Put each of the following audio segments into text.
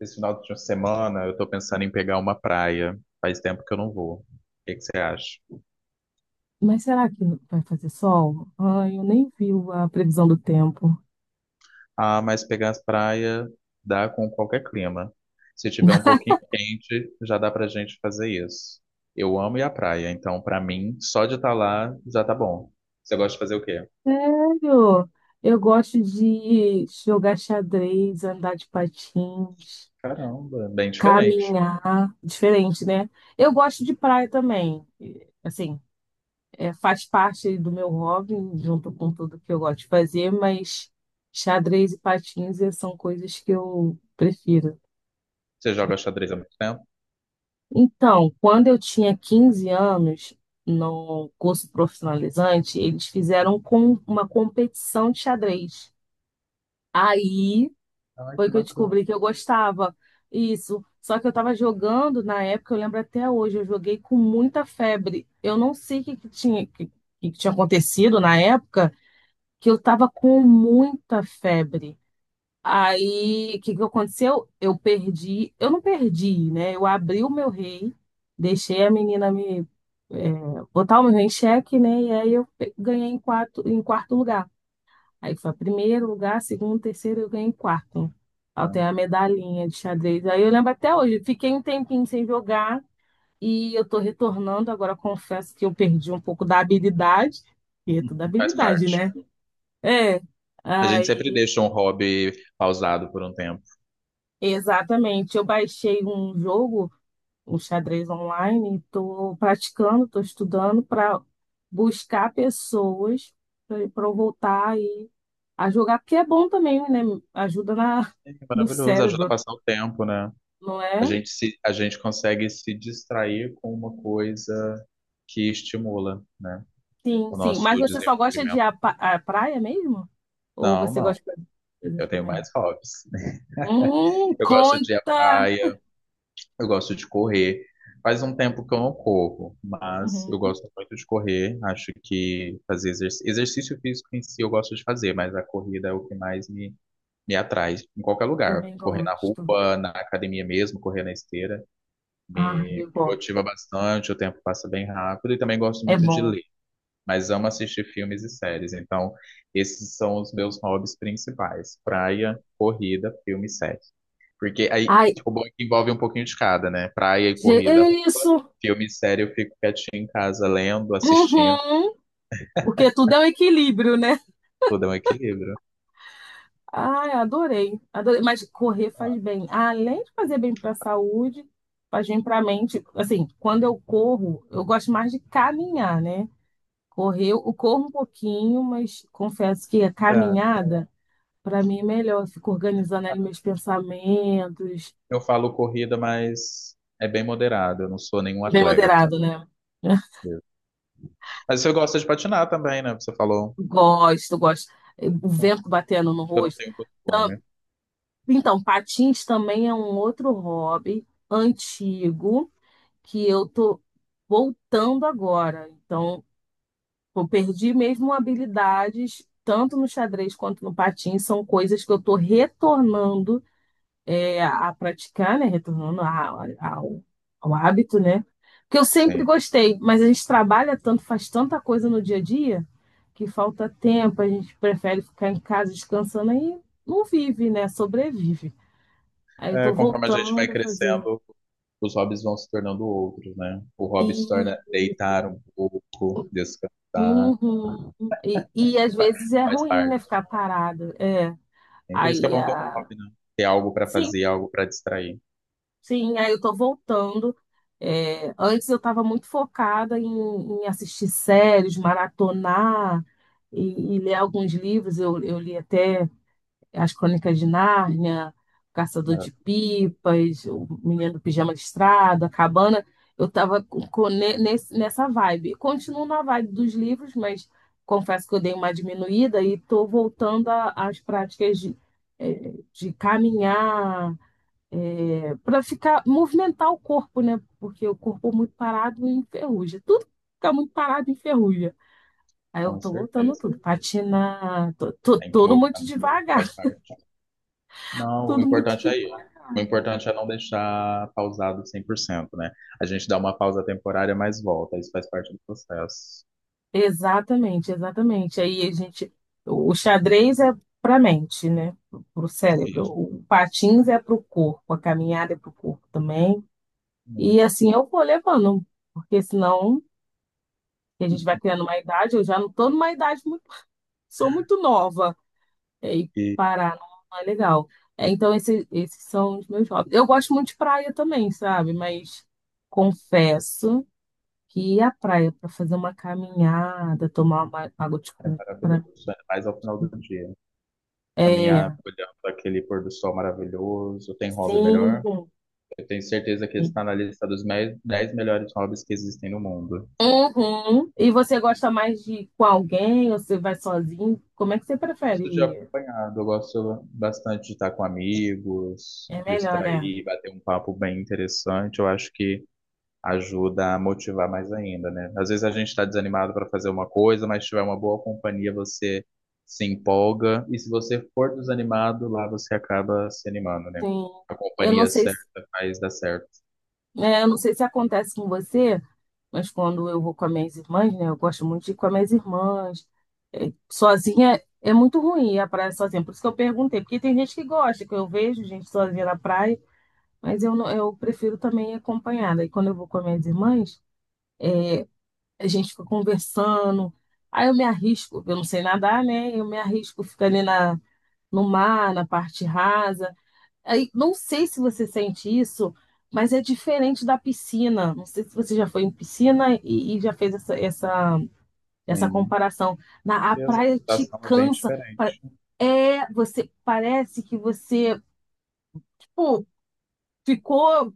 Esse final de semana eu tô pensando em pegar uma praia. Faz tempo que eu não vou. O que que você acha? Mas será que vai fazer sol? Ai, eu nem vi a previsão do tempo. Ah, mas pegar as praias dá com qualquer clima. Se tiver um pouquinho quente, já dá pra gente fazer isso. Eu amo ir à praia, então pra mim, só de estar lá já tá bom. Você gosta de fazer o quê? Sério? Eu gosto de jogar xadrez, andar de patins, Caramba, bem diferente. caminhar. Diferente, né? Eu gosto de praia também. E, assim, faz parte do meu hobby, junto com tudo que eu gosto de fazer, mas xadrez e patins são coisas que eu prefiro. Você joga xadrez há muito tempo? Então, quando eu tinha 15 anos, no curso profissionalizante, eles fizeram com uma competição de xadrez. Aí Ai, foi que que eu bacana. descobri que eu gostava. Isso. Só que eu estava jogando na época, eu lembro até hoje, eu joguei com muita febre. Eu não sei o que, que tinha, que tinha acontecido na época, que eu estava com muita febre. Aí, o que que aconteceu? Eu perdi, eu não perdi, né? Eu abri o meu rei, deixei a menina me é, botar o meu rei em xeque, né? E aí eu ganhei em quarto lugar. Aí foi primeiro lugar, segundo, terceiro, eu ganhei em quarto. Aí tem a medalhinha de xadrez. Aí eu lembro até hoje, fiquei um tempinho sem jogar e eu tô retornando. Agora confesso que eu perdi um pouco da habilidade, porque é tudo Faz habilidade, parte. né? É. A gente sempre Aí, deixa um hobby pausado por um tempo. exatamente. Eu baixei um jogo, um xadrez online, estou praticando, estou estudando para buscar pessoas para eu voltar aí a jogar, porque é bom também, né? Ajuda na, É no maravilhoso, ajuda a cérebro, passar o tempo, né? não é? A gente consegue se distrair com uma coisa que estimula, né, Sim, o sim. nosso Mas você só gosta de desenvolvimento. a praia mesmo? Ou Não, você não. gosta de coisas Eu tenho também? mais hobbies. Eu gosto de ir à Conta! praia, eu gosto de correr. Faz um tempo que eu não corro, mas eu Uhum, gosto muito de correr. Acho que fazer exercício, exercício físico em si eu gosto de fazer, mas a corrida é o que mais me atrai. Em qualquer lugar. também Correr na gosto. rua, na academia mesmo, correr na esteira. Ah, Me eu gosto. motiva bastante, o tempo passa bem rápido e também gosto É muito de bom. ler, mas amo assistir filmes e séries. Então, esses são os meus hobbies principais: praia, corrida, filme e série. Porque aí, Ai, tipo, o bom é que envolve um pouquinho de cada, né? Praia e corrida, é roupa, isso! filme e série, eu fico quietinho em casa lendo, assistindo, Uhum. Porque tudo é um equilíbrio, né? tudo é um equilíbrio. Ai, adorei, adorei. Mas correr faz bem. Além de fazer bem para a saúde, faz bem para a mente. Assim, quando eu corro, eu gosto mais de caminhar, né? Correr, eu corro um pouquinho, mas confesso que a É, caminhada, para mim, é melhor. Eu fico organizando ali meus pensamentos. eu falo corrida, mas é bem moderado, eu não sou nenhum Bem atleta moderado, né? mesmo. Mas você gosta de patinar também, né? Você falou, Gosto, gosto. O vento batendo no eu não rosto. tenho costume. Então, patins também é um outro hobby antigo, que eu tô voltando agora. Então, eu perdi mesmo habilidades, tanto no xadrez quanto no patins, são coisas que eu tô retornando a praticar, né? Retornando a- ao, ao hábito, né? Que eu sempre Sim. gostei, mas a gente trabalha tanto, faz tanta coisa no dia a dia, que falta tempo, a gente prefere ficar em casa descansando aí não vive, né? Sobrevive. Aí eu É, tô conforme a gente vai voltando a fazer. crescendo, os hobbies vão se tornando outros, né? O hobby se torna deitar um pouco, descansar, Uhum. E às vezes é faz ruim, né, parte. ficar parado. É. É por isso que é Aí, bom ter um a hobby, né? Ter algo para sim, fazer, algo para distrair. sim, aí eu tô voltando. É, antes eu estava muito focada em assistir séries, maratonar e ler alguns livros. Eu li até. As Crônicas de Nárnia, O Caçador Mas, de Pipas, O Menino do Pijama Listrado, A Cabana. Eu estava nessa vibe. Continuo na vibe dos livros, mas confesso que eu dei uma diminuída e estou voltando às práticas de caminhar, para ficar, movimentar o corpo, né? Porque o corpo muito parado enferruja. Tudo fica muito parado enferruja. Aí eu com tô voltando certeza. tudo, patinar, tô, Tem que tudo muito movimentar, devagar, faz parte. Não, o tudo muito. importante é ir. O importante é não deixar pausado 100%, né? A gente dá uma pausa temporária, mas volta. Isso faz parte do processo. Exatamente, exatamente. Aí a gente, o xadrez é para a mente, né? Para o cérebro. Isso. O patins é para o corpo, a caminhada é para o corpo também. E assim eu vou levando, porque senão a gente vai criando uma idade. Eu já não estou numa idade muito, sou muito nova e E parar não é legal. É, então esses são os meus hobbies. Eu gosto muito de praia também, sabe? Mas confesso que ir à praia para fazer uma caminhada, tomar uma água de é coco. maravilhoso, ainda mais ao final do dia. É. Caminhar olhando aquele pôr do sol maravilhoso. Tem hobby melhor? Sim. Eu tenho certeza que ele está na lista dos 10 melhores hobbies que existem no mundo. Uhum. E você gosta mais de ir com alguém ou você vai sozinho? Como é que você Eu prefere gosto de ir? acompanhado, eu gosto bastante de estar com amigos, É melhor, né? distrair, bater um papo bem interessante. Eu acho que ajuda a motivar mais ainda, né? Às vezes a gente está desanimado para fazer uma coisa, mas se tiver uma boa companhia, você se empolga. E se você for desanimado, lá você acaba se animando, né? Sim. A Eu não companhia sei certa se, faz dar certo. é, eu não sei se acontece com você, mas quando eu vou com as minhas irmãs, né? Eu gosto muito de ir com as minhas irmãs. É, sozinha é muito ruim ir à praia sozinha. Por isso que eu perguntei, porque tem gente que gosta, que eu vejo gente sozinha na praia, mas eu não, eu prefiro também ir acompanhada. E quando eu vou com as minhas irmãs, a gente fica conversando. Aí eu me arrisco, eu não sei nadar, né? Eu me arrisco ficando ali na, no mar, na parte rasa. Aí não sei se você sente isso, mas é diferente da piscina. Não sei se você já foi em piscina e já fez essa Sim. comparação. A E a praia te adaptação é bem cansa. Diferente. É, você parece que você, tipo, ficou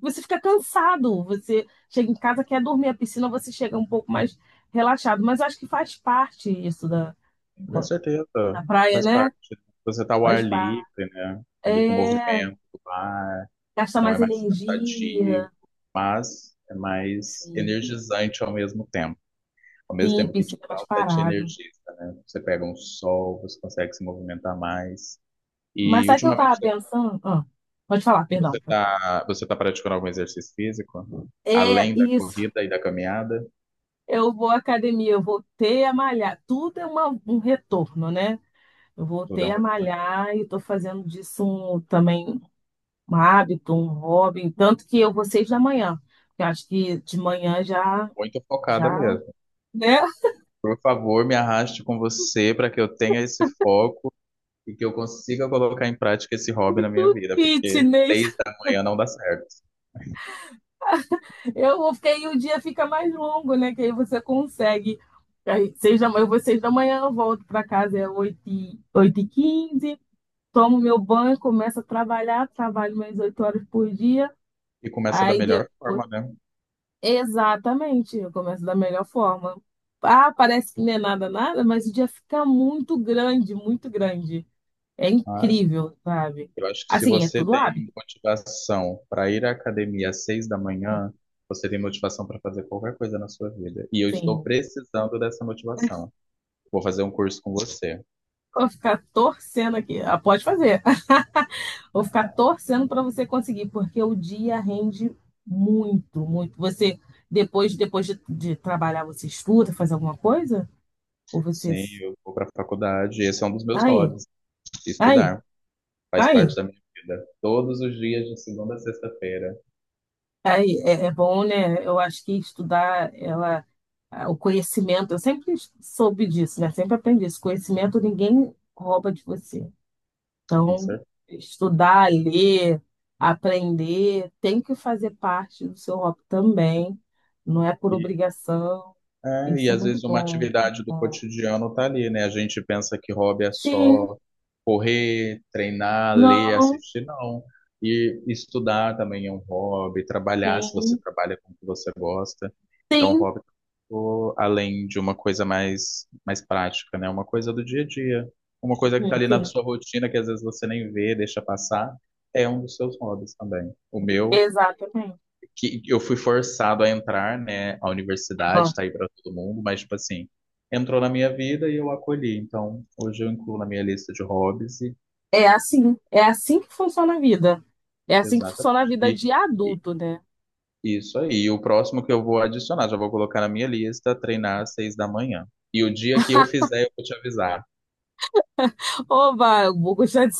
você fica cansado, você chega em casa, quer dormir, a piscina você chega um pouco mais relaxado, mas acho que faz parte isso Com da, certeza, da praia, faz né? parte. Você tá ao ar Faz parte. livre, né? Ali com o É, movimento do mar, gasta então é mais mais cansativo, energia, mas é mais sim, energizante ao mesmo tempo. Ao mesmo sim, tempo que te piscina é dá, mais até te parado. energiza, né? Você pega um sol, você consegue se movimentar mais. Mas E sabe o que eu ultimamente tava você pensando? Ah, pode falar, perdão, você pode falar. tá, você tá praticando algum exercício físico? É Além da isso. corrida e da caminhada? Eu vou à academia, eu voltei a malhar. Tudo é um retorno, né? Eu Tudo é voltei um- a malhar e estou fazendo disso também um hábito, um hobby, tanto que eu vou 6 da manhã. Eu acho que de manhã já, Muito focada já, mesmo. né? Por favor, me arraste com você para que eu tenha esse foco e que eu consiga colocar em prática esse hobby na minha Do vida, porque fitness. 6 da manhã não dá certo. Eu vou, porque aí o dia fica mais longo, né? Que aí você consegue. Aí, 6 da manhã, eu vou seis da manhã, eu volto para casa, é oito e quinze, tomo meu banho, começo a trabalhar, trabalho mais 8 horas por dia. E começa da Aí melhor depois, forma, né? exatamente, eu começo da melhor forma. Ah, parece que não é nada, nada, mas o dia fica muito grande, muito grande. É Mas incrível, sabe? eu acho que se Assim, é você tudo hábito. tem motivação para ir à academia às 6 da manhã, você tem motivação para fazer qualquer coisa na sua vida. E eu estou Sim, precisando dessa motivação. Vou fazer um curso com você. vou ficar torcendo aqui. Ah, pode fazer. Vou ficar torcendo para você conseguir, porque o dia rende muito, muito. Você, depois de trabalhar, você estuda, faz alguma coisa? Ou você. Sim, eu vou para a faculdade. Esse é um dos meus Aí, hobbies, aí, estudar. Faz aí. parte da minha vida. Todos os dias de segunda a sexta-feira. Aí, é bom, né? Eu acho que estudar, ela, ah, o conhecimento, eu sempre soube disso, né? Sempre aprendi isso. Conhecimento ninguém rouba de você. Com Então, certeza. estudar, ler, aprender tem que fazer parte do seu hobby também. Não é por E, obrigação. Tem é, que e ser às muito vezes uma bom, muito atividade do bom. cotidiano tá ali, né? A gente pensa que hobby é Sim, só correr, treinar, ler, não, assistir, não. E estudar também é um hobby, trabalhar, se você sim, trabalha com o que você gosta. Então, sim, hobby, o- além de uma coisa mais prática, né? Uma coisa do dia a dia. Uma coisa que tá sim, ali na sim, sua rotina, que às vezes você nem vê, deixa passar, é um dos seus hobbies também. O meu exatamente. que eu fui forçado a entrar, né? A universidade Aham. tá aí para todo mundo, mas tipo assim, entrou na minha vida e eu acolhi. Então, hoje eu incluo na minha lista de hobbies e É assim que funciona a vida. É assim que funciona exatamente. a vida E, de e- adulto, né? isso aí. E o próximo que eu vou adicionar, já vou colocar na minha lista, treinar às 6 da manhã. E o dia que eu fizer, eu vou te avisar. Oba, eu vou gostar de